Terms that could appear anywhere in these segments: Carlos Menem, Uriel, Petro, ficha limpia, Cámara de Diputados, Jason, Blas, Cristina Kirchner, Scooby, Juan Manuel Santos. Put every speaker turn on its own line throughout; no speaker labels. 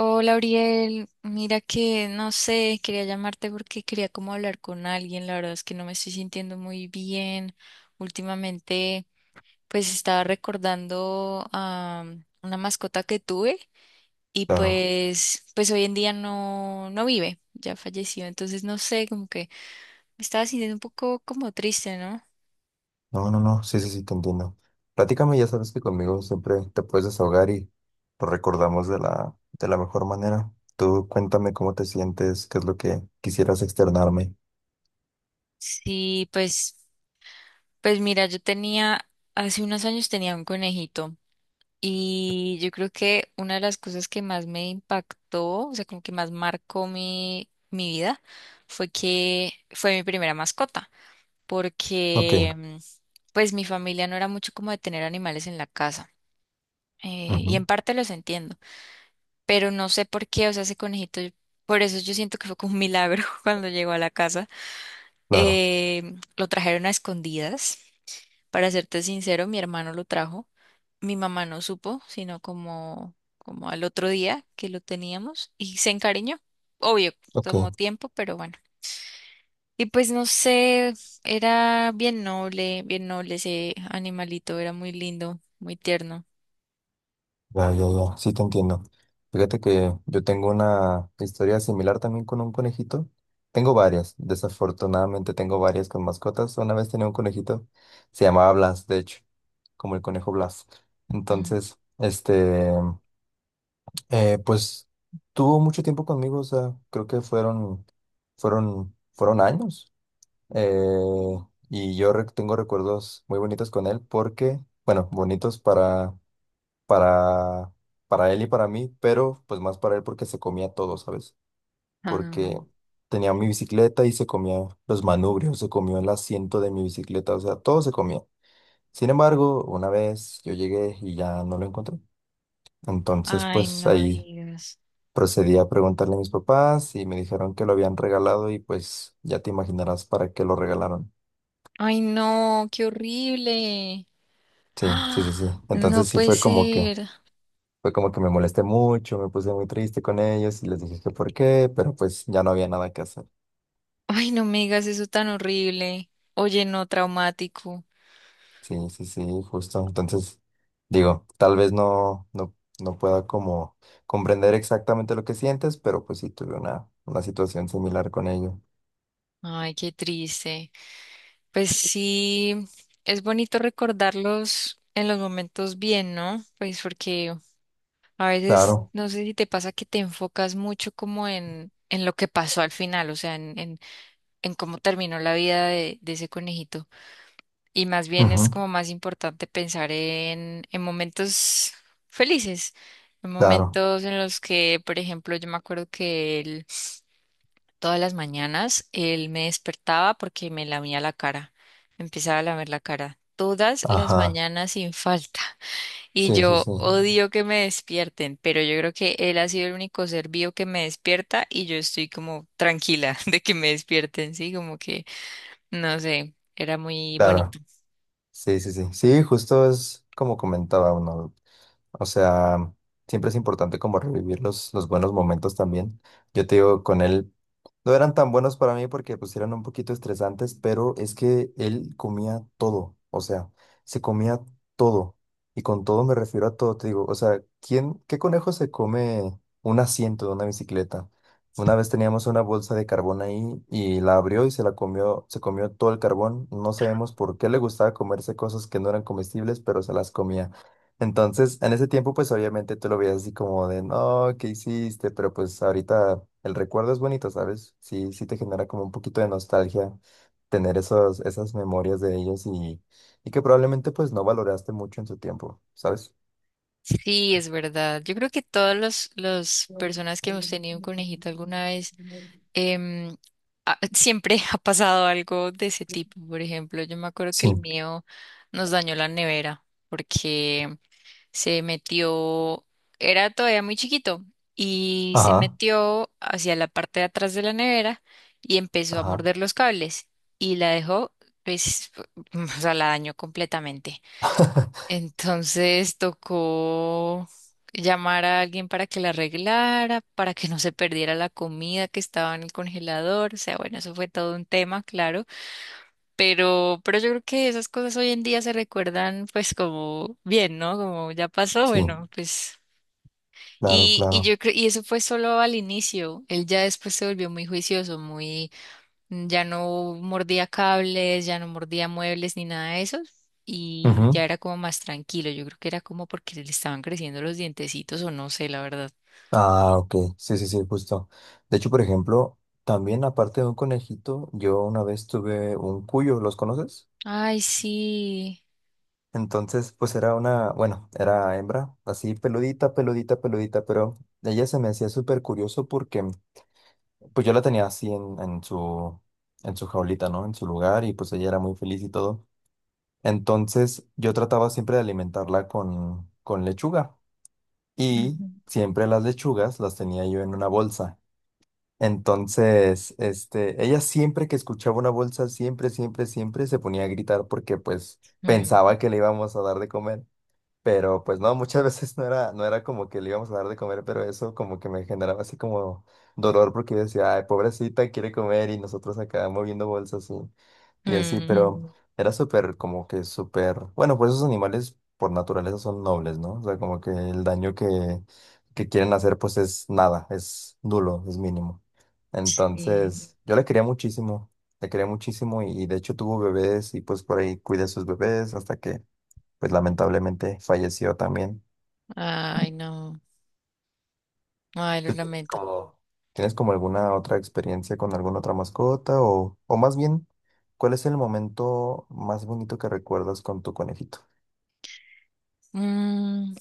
Hola, Uriel. Mira que no sé, quería llamarte porque quería como hablar con alguien. La verdad es que no me estoy sintiendo muy bien. Últimamente, pues estaba recordando a una mascota que tuve y
Claro,
pues hoy en día no vive, ya falleció. Entonces, no sé, como que me estaba sintiendo un poco como triste, ¿no?
no, no, no, sí, sí, sí, te entiendo. Platícame, ya sabes que conmigo siempre te puedes desahogar y lo recordamos de la mejor manera. Tú cuéntame cómo te sientes, qué es lo que quisieras externarme.
Sí, pues mira, hace unos años tenía un conejito. Y yo creo que una de las cosas que más me impactó, o sea, como que más marcó mi vida, fue que fue mi primera mascota, porque
Ok,
pues mi familia no era mucho como de tener animales en la casa. Y
ujú,
en parte los entiendo, pero no sé por qué, o sea, ese conejito, por eso yo siento que fue como un milagro cuando llegó a la casa.
claro,
Lo trajeron a escondidas para serte sincero, mi hermano lo trajo. Mi mamá no supo, sino como, como al otro día que lo teníamos y se encariñó. Obvio,
ok.
tomó tiempo, pero bueno. Y pues no sé, era bien noble ese animalito, era muy lindo, muy tierno.
Ya, ya, ya, sí te entiendo. Fíjate que yo tengo una historia similar también con un conejito. Tengo varias, desafortunadamente tengo varias con mascotas. Una vez tenía un conejito, se llamaba Blas, de hecho, como el conejo Blas.
Mm.
Entonces, este, pues tuvo mucho tiempo conmigo, o sea, creo que fueron años. Eh, y yo tengo recuerdos muy bonitos con él porque, bueno, bonitos para, para él y para mí, pero pues más para él porque se comía todo, ¿sabes?
Ah.
Porque tenía mi bicicleta y se comía los manubrios, se comió el asiento de mi bicicleta, o sea, todo se comía. Sin embargo, una vez yo llegué y ya no lo encontré. Entonces,
Ay,
pues
no
ahí
digas.
procedí a preguntarle a mis papás y me dijeron que lo habían regalado y pues ya te imaginarás para qué lo regalaron.
Ay, no, qué horrible.
Sí, sí, sí, sí.
¡Ah! No
Entonces sí
puede
fue como que
ser.
fue como que me molesté mucho, me puse muy triste con ellos y les dije que por qué, pero pues ya no había nada que hacer.
Ay, no me digas eso tan horrible. Oye, no, traumático.
Sí, sí, sí, justo. Entonces, digo, tal vez no pueda como comprender exactamente lo que sientes, pero pues sí tuve una situación similar con ellos.
Ay, qué triste. Pues sí, es bonito recordarlos en los momentos bien, ¿no? Pues porque a veces,
Claro,
no sé si te pasa que te enfocas mucho como en lo que pasó al final, o sea, en cómo terminó la vida de ese conejito. Y más bien es
ujú,
como más importante pensar en momentos felices, en
claro,
momentos en los que, por ejemplo, yo me acuerdo que él. Todas las mañanas él me despertaba porque me lamía la cara, me empezaba a lamer la cara. Todas las
ajá,
mañanas sin falta. Y
sí, sí,
yo
sí,
odio que me despierten, pero yo creo que él ha sido el único ser vivo que me despierta y yo estoy como tranquila de que me despierten, sí, como que, no sé, era muy bonito.
claro, sí, sí, sí, sí, justo es como comentaba uno, o sea, siempre es importante como revivir los buenos momentos también. Yo te digo, con él no eran tan buenos para mí porque pues eran un poquito estresantes, pero es que él comía todo, o sea, se comía todo. Y con todo me refiero a todo, te digo, o sea, ¿quién, qué conejo se come un asiento de una bicicleta? Una vez teníamos una bolsa de carbón ahí y la abrió y se la comió, se comió todo el carbón. No sabemos por qué le gustaba comerse cosas que no eran comestibles, pero se las comía. Entonces, en ese tiempo, pues obviamente tú lo veías así como de, no, ¿qué hiciste? Pero pues ahorita el recuerdo es bonito, ¿sabes? Sí, sí te genera como un poquito de nostalgia tener esas memorias de ellos y que probablemente pues no valoraste mucho en su tiempo, ¿sabes?
Sí, es verdad. Yo creo que todas las personas que hemos tenido un conejito alguna vez em, siempre ha pasado algo de ese tipo. Por ejemplo, yo me acuerdo que
Sí,
el mío nos dañó la nevera porque se metió, era todavía muy chiquito y se
ajá,
metió hacia la parte de atrás de la nevera y empezó a
ajá.
morder los cables y la dejó, pues, o sea, la dañó completamente. Entonces tocó llamar a alguien para que la arreglara, para que no se perdiera la comida que estaba en el congelador. O sea, bueno, eso fue todo un tema, claro. Pero yo creo que esas cosas hoy en día se recuerdan pues como bien, ¿no? Como ya pasó,
Sí,
bueno, pues.
claro,
Y
claro.
yo creo, y eso fue solo al inicio. Él ya después se volvió muy juicioso, muy ya no mordía cables, ya no mordía muebles ni nada de eso. Y
Ujú.
ya era como más tranquilo. Yo creo que era como porque le estaban creciendo los dientecitos o no sé, la verdad.
Ah, ok, sí, sí, sí, justo. De hecho, por ejemplo, también aparte de un conejito, yo una vez tuve un cuyo, ¿los conoces?
Ay, sí.
Entonces, pues era una, bueno, era hembra, así peludita, peludita, peludita, pero ella se me hacía súper curioso porque pues yo la tenía así en su jaulita, ¿no? En su lugar y pues ella era muy feliz y todo. Entonces yo trataba siempre de alimentarla con lechuga y
Ujú.
siempre las lechugas las tenía yo en una bolsa. Entonces, este, ella siempre que escuchaba una bolsa, siempre, siempre, siempre se ponía a gritar porque pues
Mm,
pensaba que le íbamos a dar de comer. Pero pues no, muchas veces no era como que le íbamos a dar de comer, pero eso como que me generaba así como dolor porque yo decía, ay, pobrecita, quiere comer y nosotros acá moviendo bolsas y así,
mm,
pero era súper como que súper, bueno, pues esos animales por naturaleza son nobles, ¿no? O sea, como que el daño que quieren hacer pues es nada, es nulo, es mínimo.
sí.
Entonces, yo le quería muchísimo y de hecho tuvo bebés y pues por ahí cuidé a sus bebés hasta que pues lamentablemente falleció también.
Ay, no. Ay, lo
¿Tú
lamento.
tienes como alguna otra experiencia con alguna otra mascota? O más bien, ¿cuál es el momento más bonito que recuerdas con tu conejito?
Mm,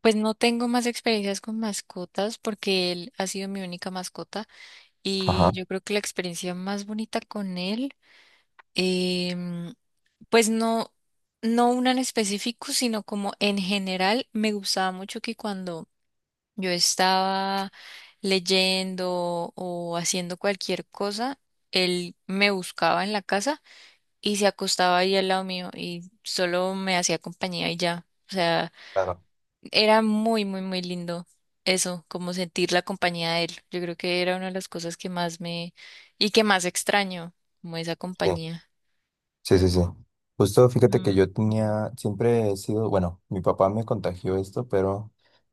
pues no tengo más experiencias con mascotas porque él ha sido mi única mascota
Ajá,
y yo creo que la experiencia más bonita con él. em, Pues no, no una en específico, sino como en general me gustaba mucho que cuando yo estaba leyendo o haciendo cualquier cosa, él me buscaba en la casa y se acostaba ahí al lado mío y solo me hacía compañía y ya. O sea,
claro.
era muy, muy, muy lindo eso, como sentir la compañía de él. Yo creo que era una de las cosas que más me y que más extraño, como esa
Sí,
compañía.
sí, sí. Sí. Justo fíjate que
Mm,
yo tenía, siempre he sido, bueno, mi papá me contagió esto, pero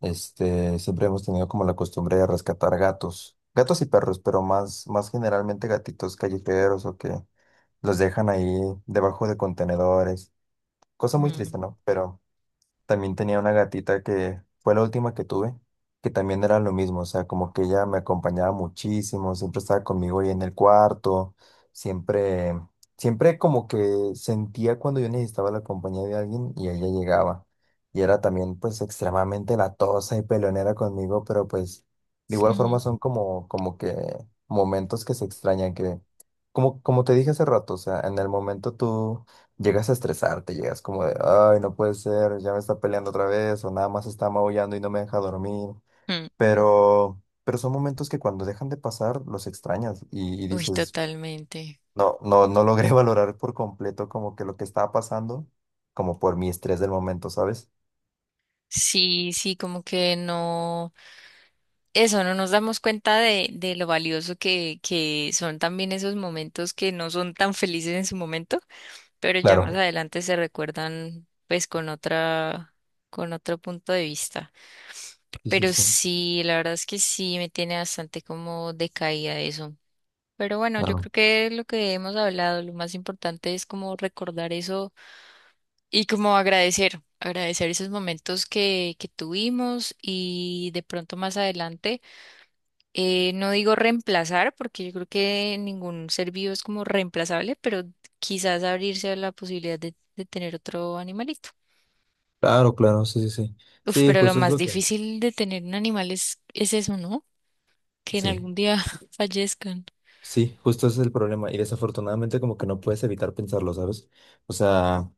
este, siempre hemos tenido como la costumbre de rescatar gatos, gatos y perros, pero más, más generalmente gatitos callejeros o que los dejan ahí debajo de contenedores. Cosa muy
mm,
triste, ¿no? Pero también tenía una gatita que fue la última que tuve, que también era lo mismo, o sea, como que ella me acompañaba muchísimo, siempre estaba conmigo ahí en el cuarto, siempre, siempre como que sentía cuando yo necesitaba la compañía de alguien y ella llegaba. Y era también pues extremadamente latosa y peleonera conmigo, pero pues de igual forma
ujú,
son como, como que momentos que se extrañan, que como, como te dije hace rato, o sea, en el momento tú llegas a estresarte, llegas como de, ay, no puede ser, ya me está peleando otra vez, o nada más está maullando y no me deja dormir.
mm.
Pero son momentos que cuando dejan de pasar los extrañas y
Uy,
dices,
totalmente.
no, no, no logré valorar por completo como que lo que estaba pasando, como por mi estrés del momento, ¿sabes?
Sí, sí, como que no, eso, no nos damos cuenta de lo valioso que son también esos momentos que no son tan felices en su momento, pero ya más
Claro,
adelante se recuerdan pues con otra, con otro punto de vista.
sí, sí,
Pero
sí,
sí, la verdad es que sí me tiene bastante como decaída eso. Pero bueno, yo
claro,
creo que lo que hemos hablado, lo más importante es como recordar eso. Y como agradecer, agradecer esos momentos que tuvimos y de pronto más adelante, no digo reemplazar, porque yo creo que ningún ser vivo es como reemplazable, pero quizás abrirse a la posibilidad de tener otro animalito.
claro, claro, sí, sí, sí.
Uf,
Sí,
pero lo
justo es
más
lo que,
difícil de tener un animal es eso, ¿no? Que en
sí.
algún día fallezcan.
Sí, justo ese es el problema. Y desafortunadamente como que no puedes evitar pensarlo, ¿sabes? O sea,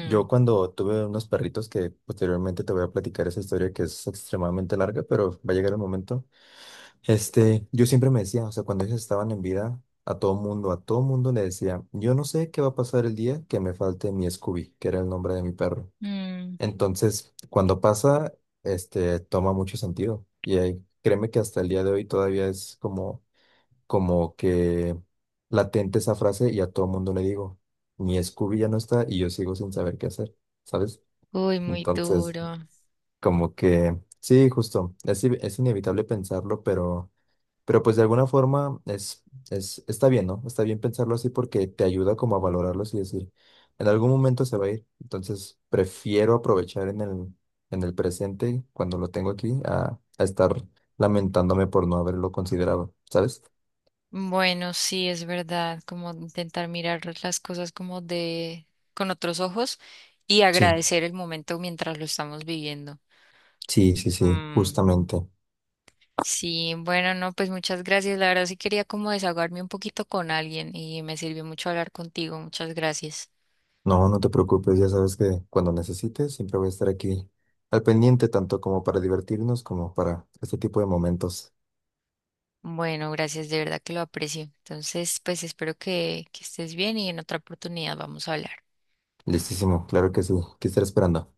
yo cuando tuve unos perritos que posteriormente te voy a platicar esa historia que es extremadamente larga, pero va a llegar el momento. Este, yo siempre me decía, o sea, cuando ellos estaban en vida, a todo mundo le decía, yo no sé qué va a pasar el día que me falte mi Scooby, que era el nombre de mi perro.
mm.
Entonces, cuando pasa, este, toma mucho sentido. Y ahí, créeme que hasta el día de hoy todavía es como como que latente esa frase y a todo mundo le digo, mi Scooby ya no está y yo sigo sin saber qué hacer, ¿sabes?
Uy, muy
Entonces,
duro.
como que, sí, justo, es inevitable pensarlo, pero pues de alguna forma es, está bien, ¿no? Está bien pensarlo así porque te ayuda como a valorarlos y decir, en algún momento se va a ir, entonces prefiero aprovechar en el presente, cuando lo tengo aquí, a estar lamentándome por no haberlo considerado, ¿sabes?
Bueno, sí, es verdad, como intentar mirar las cosas como de con otros ojos y
Sí.
agradecer el momento mientras lo estamos viviendo.
Sí, sí, sí,
Mm,
justamente.
sí, bueno, no, pues muchas gracias. La verdad sí quería como desahogarme un poquito con alguien y me sirvió mucho hablar contigo. Muchas gracias.
No, no te preocupes, ya sabes que cuando necesites siempre voy a estar aquí al pendiente, tanto como para divertirnos como para este tipo de momentos.
Bueno, gracias, de verdad que lo aprecio. Entonces, pues espero que estés bien y en otra oportunidad vamos a hablar.
Listísimo, claro que sí, que estaré esperando.